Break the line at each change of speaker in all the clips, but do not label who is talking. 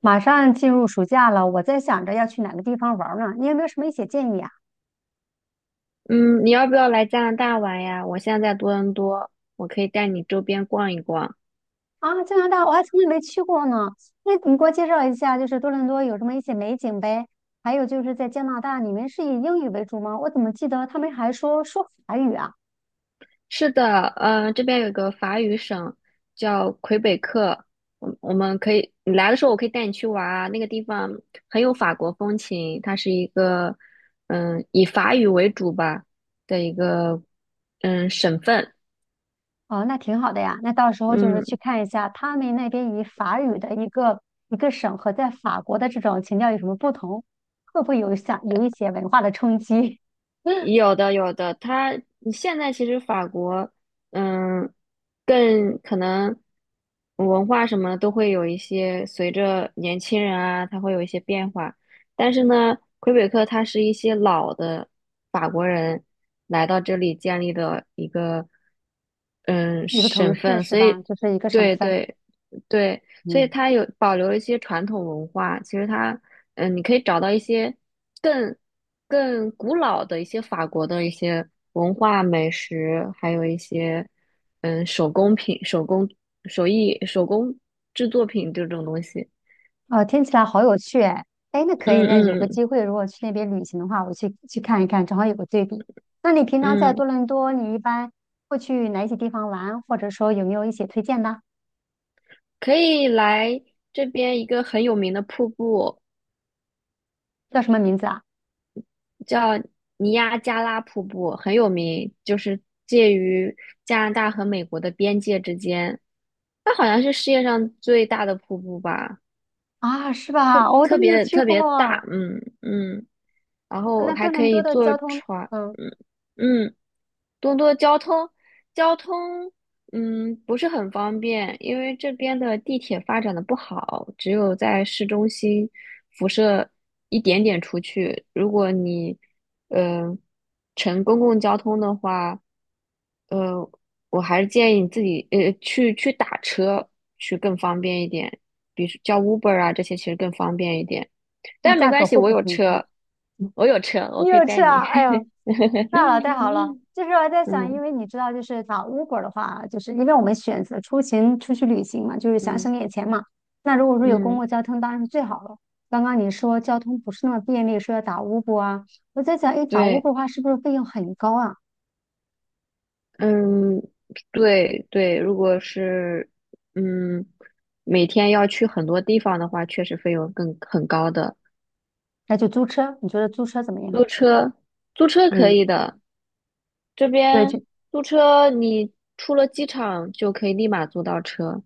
马上进入暑假了，我在想着要去哪个地方玩儿呢？你有没有什么一些建议啊？
嗯，你要不要来加拿大玩呀？我现在在多伦多，我可以带你周边逛一逛。
啊，加拿大我还从来没去过呢，那你给我介绍一下，就是多伦多有什么一些美景呗？还有就是在加拿大，你们是以英语为主吗？我怎么记得他们还说法语啊？
是的，这边有一个法语省叫魁北克，我们可以，你来的时候我可以带你去玩啊。那个地方很有法国风情，它是一个以法语为主吧的一个省份。
哦，那挺好的呀，那到时候就是去
嗯，
看一下他们那边以法语的一个省和在法国的这种情调有什么不同，会不会有一些文化的冲击？
有的有的，它现在其实法国，嗯，更可能文化什么都会有一些随着年轻人啊，他会有一些变化。但是呢，魁北克它是一些老的法国人来到这里建立的一个
一个城
省
市
份，
是
所
吧？
以
就是一个省
对
份，
对，对，所以
嗯。
它有保留了一些传统文化。其实它，你可以找到一些更更古老的一些法国的一些文化、美食，还有一些手工品、手工手艺、手工制作品这种东西。
哦，听起来好有趣哎！哎，那可以，那有
嗯
个
嗯
机会，如果去那边旅行的话，我去看一看，正好有个对比。那你平常在
嗯，
多伦多，你一般会去哪些地方玩，或者说有没有一些推荐的？
可以来这边一个很有名的瀑布，
叫什么名字啊？
叫尼亚加拉瀑布，很有名，就是介于加拿大和美国的边界之间。它好像是世界上最大的瀑布吧，
啊，是
特
吧？我都
特
没有
别
去
特
过。
别大，然后
那
还
多
可
伦多
以
的
坐
交通，
船，
嗯，
嗯。多多交通，交通，不是很方便，因为这边的地铁发展的不好，只有在市中心辐射一点点出去。如果你，呃，乘公共交通的话，呃，我还是建议你自己，去打车去更方便一点，比如叫 Uber 啊这些其实更方便一点。
那
但没
价
关
格
系，
会
我
不会
有
很贵？
车，
嗯，
我
你
可以
有去
带
啊？
你。
哎呦，太好了，太好 了！就是我在想，因
嗯
为你知道，就是打 Uber 的话，就是因为我们选择出去旅行嘛，就是想
嗯。
省点钱嘛。那如果说有公
嗯，
共交通，当然是最好了。刚刚你说交通不是那么便利，说要打 Uber 啊，我在想，哎，打
对，
Uber 的话是不是费用很高啊？
嗯，对对，如果是嗯每天要去很多地方的话，确实费用更很高的。
那就租车，你觉得租车怎么样？
租车，租车可
嗯，
以的，这
对，
边
就
租车你出了机场就可以立马租到车。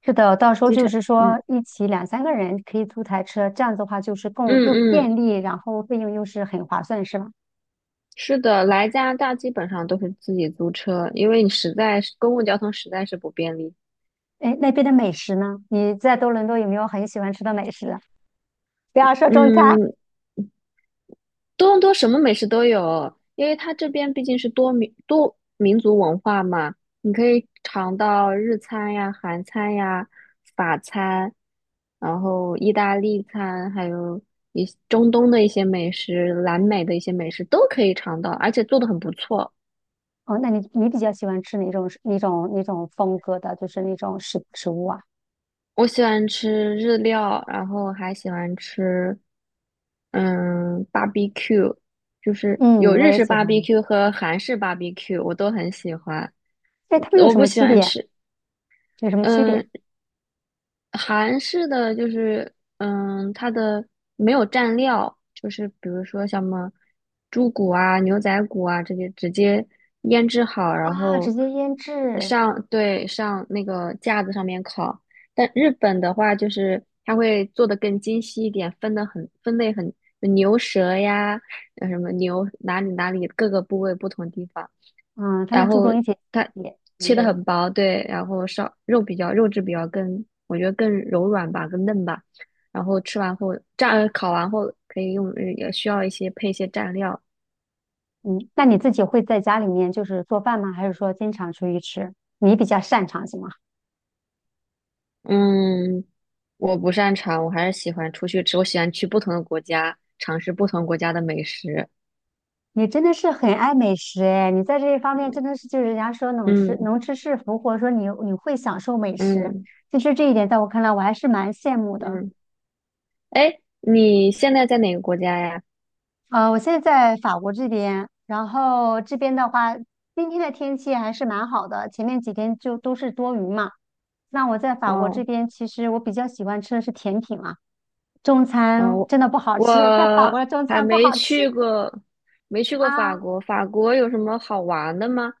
是的，到时候
机
就
场，
是
嗯
说一起两三个人可以租台车，这样子的话就是更又
嗯嗯，
便利，然后费用又是很划算，是吧？
是的，来加拿大基本上都是自己租车，因为你实在是公共交通实在是不便利。
哎，那边的美食呢？你在多伦多有没有很喜欢吃的美食啊？不要说中餐。
嗯，多伦多什么美食都有，因为它这边毕竟是多民族文化嘛，你可以尝到日餐呀、韩餐呀、法餐，然后意大利餐，还有一些中东的一些美食、南美的一些美食都可以尝到，而且做的很不错。
哦，那你比较喜欢吃哪种风格的，就是那种食物啊？
我喜欢吃日料，然后还喜欢吃barbecue，就是
嗯，
有
我
日
也
式
喜欢。
barbecue 和韩式 barbecue，我都很喜欢。
哎，他们有
我
什
不
么
喜
区
欢
别？
吃，
有什么区
嗯，
别
韩式的就是，它的没有蘸料，就是比如说像什么猪骨啊、牛仔骨啊这些，直接腌制好，然
啊？直
后
接腌制。
上，对，上那个架子上面烤。但日本的话，就是它会做的更精细一点，分类很，牛舌呀，什么牛哪里哪里各个部位不同地方。
嗯，他
然
们注
后
重一些
它
细节品
切的
类。
很薄，对，然后烧肉比较肉质比较更，我觉得更柔软吧，更嫩吧。然后吃完后蘸烤完后可以用，也需要一些配一些蘸料。
嗯，那你自己会在家里面就是做饭吗？还是说经常出去吃？你比较擅长什么？
嗯，我不擅长，我还是喜欢出去吃，我喜欢去不同的国家尝试不同国家的美食。
你真的是很爱美食哎，你在这一方面真的是就是人家说能吃
嗯
能吃是福，或者说你会享受美食，
嗯
其实这一点在我看来我还是蛮羡慕的。
嗯，哎，你现在在哪个国家呀？
我现在在法国这边，然后这边的话，今天的天气还是蛮好的，前面几天就都是多云嘛。那我在法国这
哦。
边，其实我比较喜欢吃的是甜品啊，中餐
哦，
真的不好
我
吃，在法国的中
还
餐不
没
好吃
去过，没去过法
啊。
国。法国有什么好玩的吗？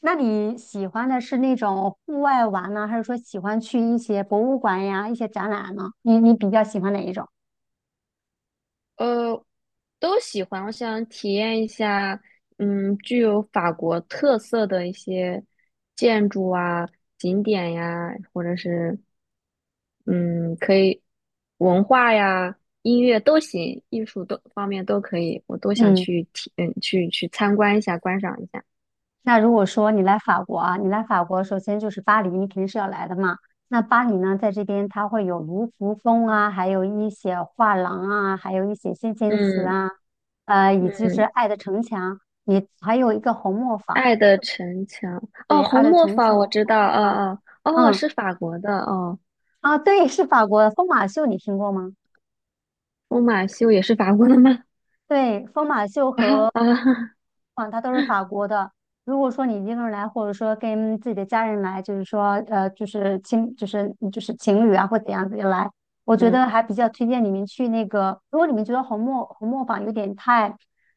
那你喜欢的是那种户外玩呢，还是说喜欢去一些博物馆呀、一些展览呢？你比较喜欢哪一种？
呃，都喜欢。我想体验一下，具有法国特色的一些建筑啊、景点呀，或者是嗯，可以文化呀、音乐都行，艺术都方面都可以，我都想
嗯，
去体，去参观一下，观赏一下。
那如果说你来法国啊，你来法国，首先就是巴黎，你肯定是要来的嘛。那巴黎呢，在这边它会有卢浮宫啊，还有一些画廊啊，还有一些先贤祠
嗯
啊，以及是
嗯。
爱的城墙，你还有一个红磨坊，
爱的城墙》哦，
对，爱
《红
的
磨
城
坊》我
墙、
知
红
道，
磨坊，
哦哦哦，
嗯，
是法国的哦，
啊，对，是法国的疯马秀，你听过吗？
《疯马秀》也是法国的吗？
对，疯马秀
啊
和
啊，
嗯，它都是法国的。如果说你一个人来，或者说跟自己的家人来，就是说，就是亲，就是情侣啊，或怎样子来，我觉
嗯，
得还比较推荐你们去那个。如果你们觉得红磨坊有点太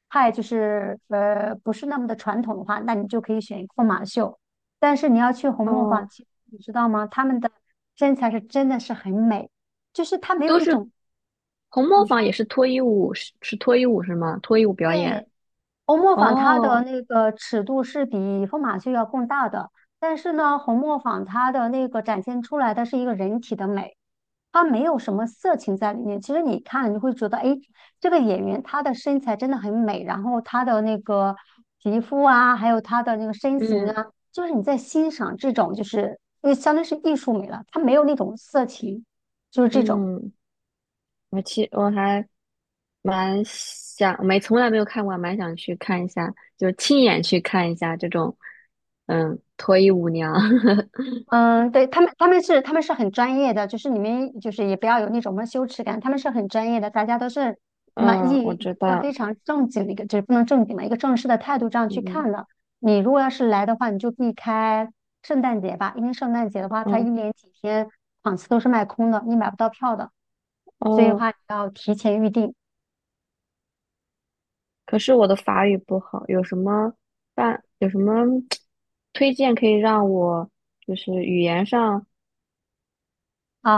太就是不是那么的传统的话，那你就可以选疯马秀。但是你要去红磨坊，
哦，
其实你知道吗？他们的身材是真的是很美，就是他没有
都
一
是
种
《红磨
你
坊》
说
也是脱衣舞，是脱衣舞是吗？脱衣舞表演。
对。红磨坊它的
哦，
那个尺度是比疯马秀要更大的，但是呢，红磨坊它的那个展现出来的是一个人体的美，它没有什么色情在里面。其实你看了你会觉得，哎，这个演员她的身材真的很美，然后她的那个皮肤啊，还有她的那个身形
嗯
啊，就是你在欣赏这种，就是因为相当于是艺术美了，它没有那种色情，就是这种。
嗯，我还蛮想，没从来没有看过，蛮想去看一下，就是亲眼去看一下这种，脱衣舞娘。
嗯，对，他们是很专业的，就是你们就是也不要有那种什么羞耻感，他们是很专业的，大家都是满
嗯，
意
我
一
知
个
道，
非常正经的一个，就是不能正经嘛，一个正式的态度这样去
嗯
看的。你如果要是来的话，你就避开圣诞节吧，因为圣诞节的话，它一
嗯
连几天场次都是卖空的，你买不到票的，所以的
哦。
话你要提前预定
可是我的法语不好，有什么办，有什么推荐可以让我就是语言上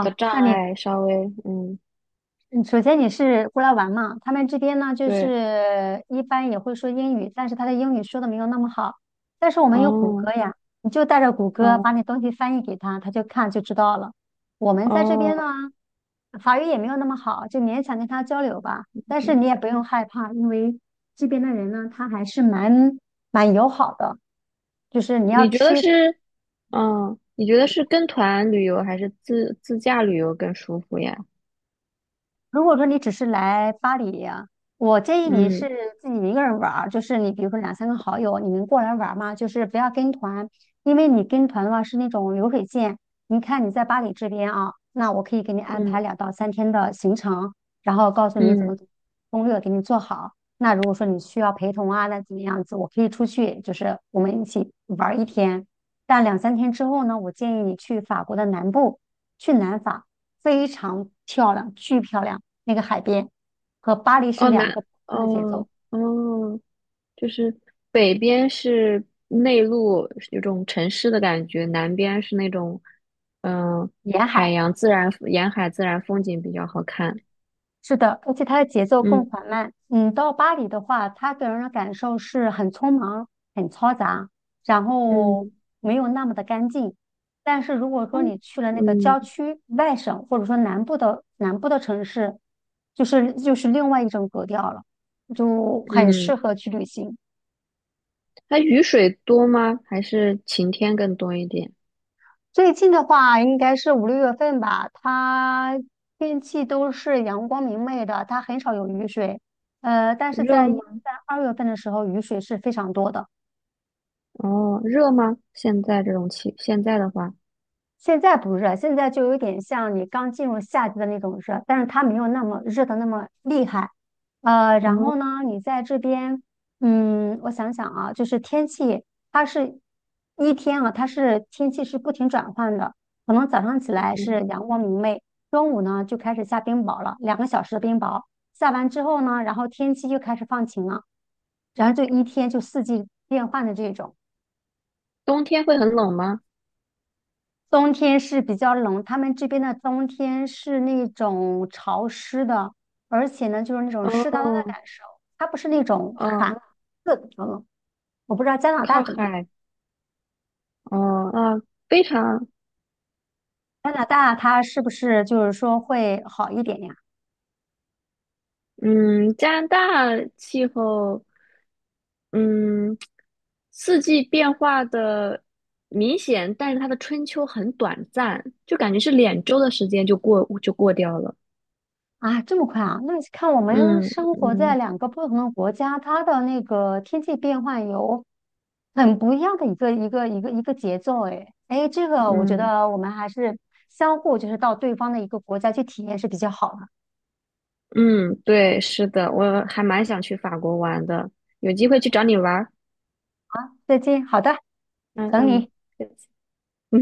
的
那
障
你
碍稍微嗯，
嗯，首先你是过来玩嘛，他们这边呢，就
对，
是一般也会说英语，但是他的英语说的没有那么好。但是我们有谷
哦，
歌呀，你就带着谷歌把
嗯，
你东西翻译给他，他就看就知道了。我们在这边
哦，
呢，法语也没有那么好，就勉强跟他交流吧。但是你也不用害怕，因为这边的人呢，他还是蛮友好的。就是你要
你觉
吃
得
一手。
是，你觉得是跟团旅游还是自驾旅游更舒服呀？
如果说你只是来巴黎啊，我建议你
嗯
是自己一个人玩儿，就是你比如说两三个好友，你们过来玩儿嘛，就是不要跟团，因为你跟团的话是那种流水线。你看你在巴黎这边啊，那我可以给你安
嗯
排2到3天的行程，然后告诉你怎
嗯，
么攻略给你做好。那如果说你需要陪同啊，那怎么样子，我可以出去，就是我们一起玩儿一天。但两三天之后呢，我建议你去法国的南部，去南法，非常漂亮，巨漂亮。那个海边，和巴黎是
哦，
两
难，
个不同的节奏。
哦哦，就是北边是内陆，是有种城市的感觉；南边是那种，嗯、
沿
海
海
洋自然、沿海自然风景比较好看。
是的，而且它的节奏更
嗯
缓慢。嗯，到巴黎的话，它给人的感受是很匆忙、很嘈杂，然后
嗯
没有那么的干净。但是如果说
嗯
你去了那个郊
嗯，
区、外省或者说南部的城市，就是另外一种格调了，就很适
嗯，
合去旅行。
它雨水多吗？还是晴天更多一点？
最近的话，应该是五六月份吧，它天气都是阳光明媚的，它很少有雨水。但是
热吗？
在2月份的时候，雨水是非常多的。
哦，热吗？现在这种气，现在的话，
现在不热，现在就有点像你刚进入夏季的那种热，但是它没有那么热的那么厉害。然
哦，
后呢，你在这边，我想想啊，就是天气，它是它是天气是不停转换的，可能早上起来
嗯
是阳光明媚，中午呢就开始下冰雹了，2个小时的冰雹，下完之后呢，然后天气又开始放晴了，然后就一天就四季变换的这种。
冬天会很冷吗？
冬天是比较冷，他们这边的冬天是那种潮湿的，而且呢，就是那种湿哒哒的
哦
感受，它不是那种
哦，
寒刺骨的冷。我不知道加拿大
靠
怎么样，
海，哦啊，非常。
加拿大它是不是就是说会好一点呀？
嗯，加拿大气候，嗯，四季变化的明显，但是它的春秋很短暂，就感觉是2周的时间就过掉了。
啊，这么快啊？那看我们
嗯
生活在
嗯
两个不同的国家，它的那个天气变换有很不一样的一个节奏诶，哎哎，这个我觉
嗯
得我们还是相互就是到对方的一个国家去体验是比较好的。
嗯，对，是的，我还蛮想去法国玩的，有机会去找你玩儿。
再见，好的，
嗯
等
嗯。
你。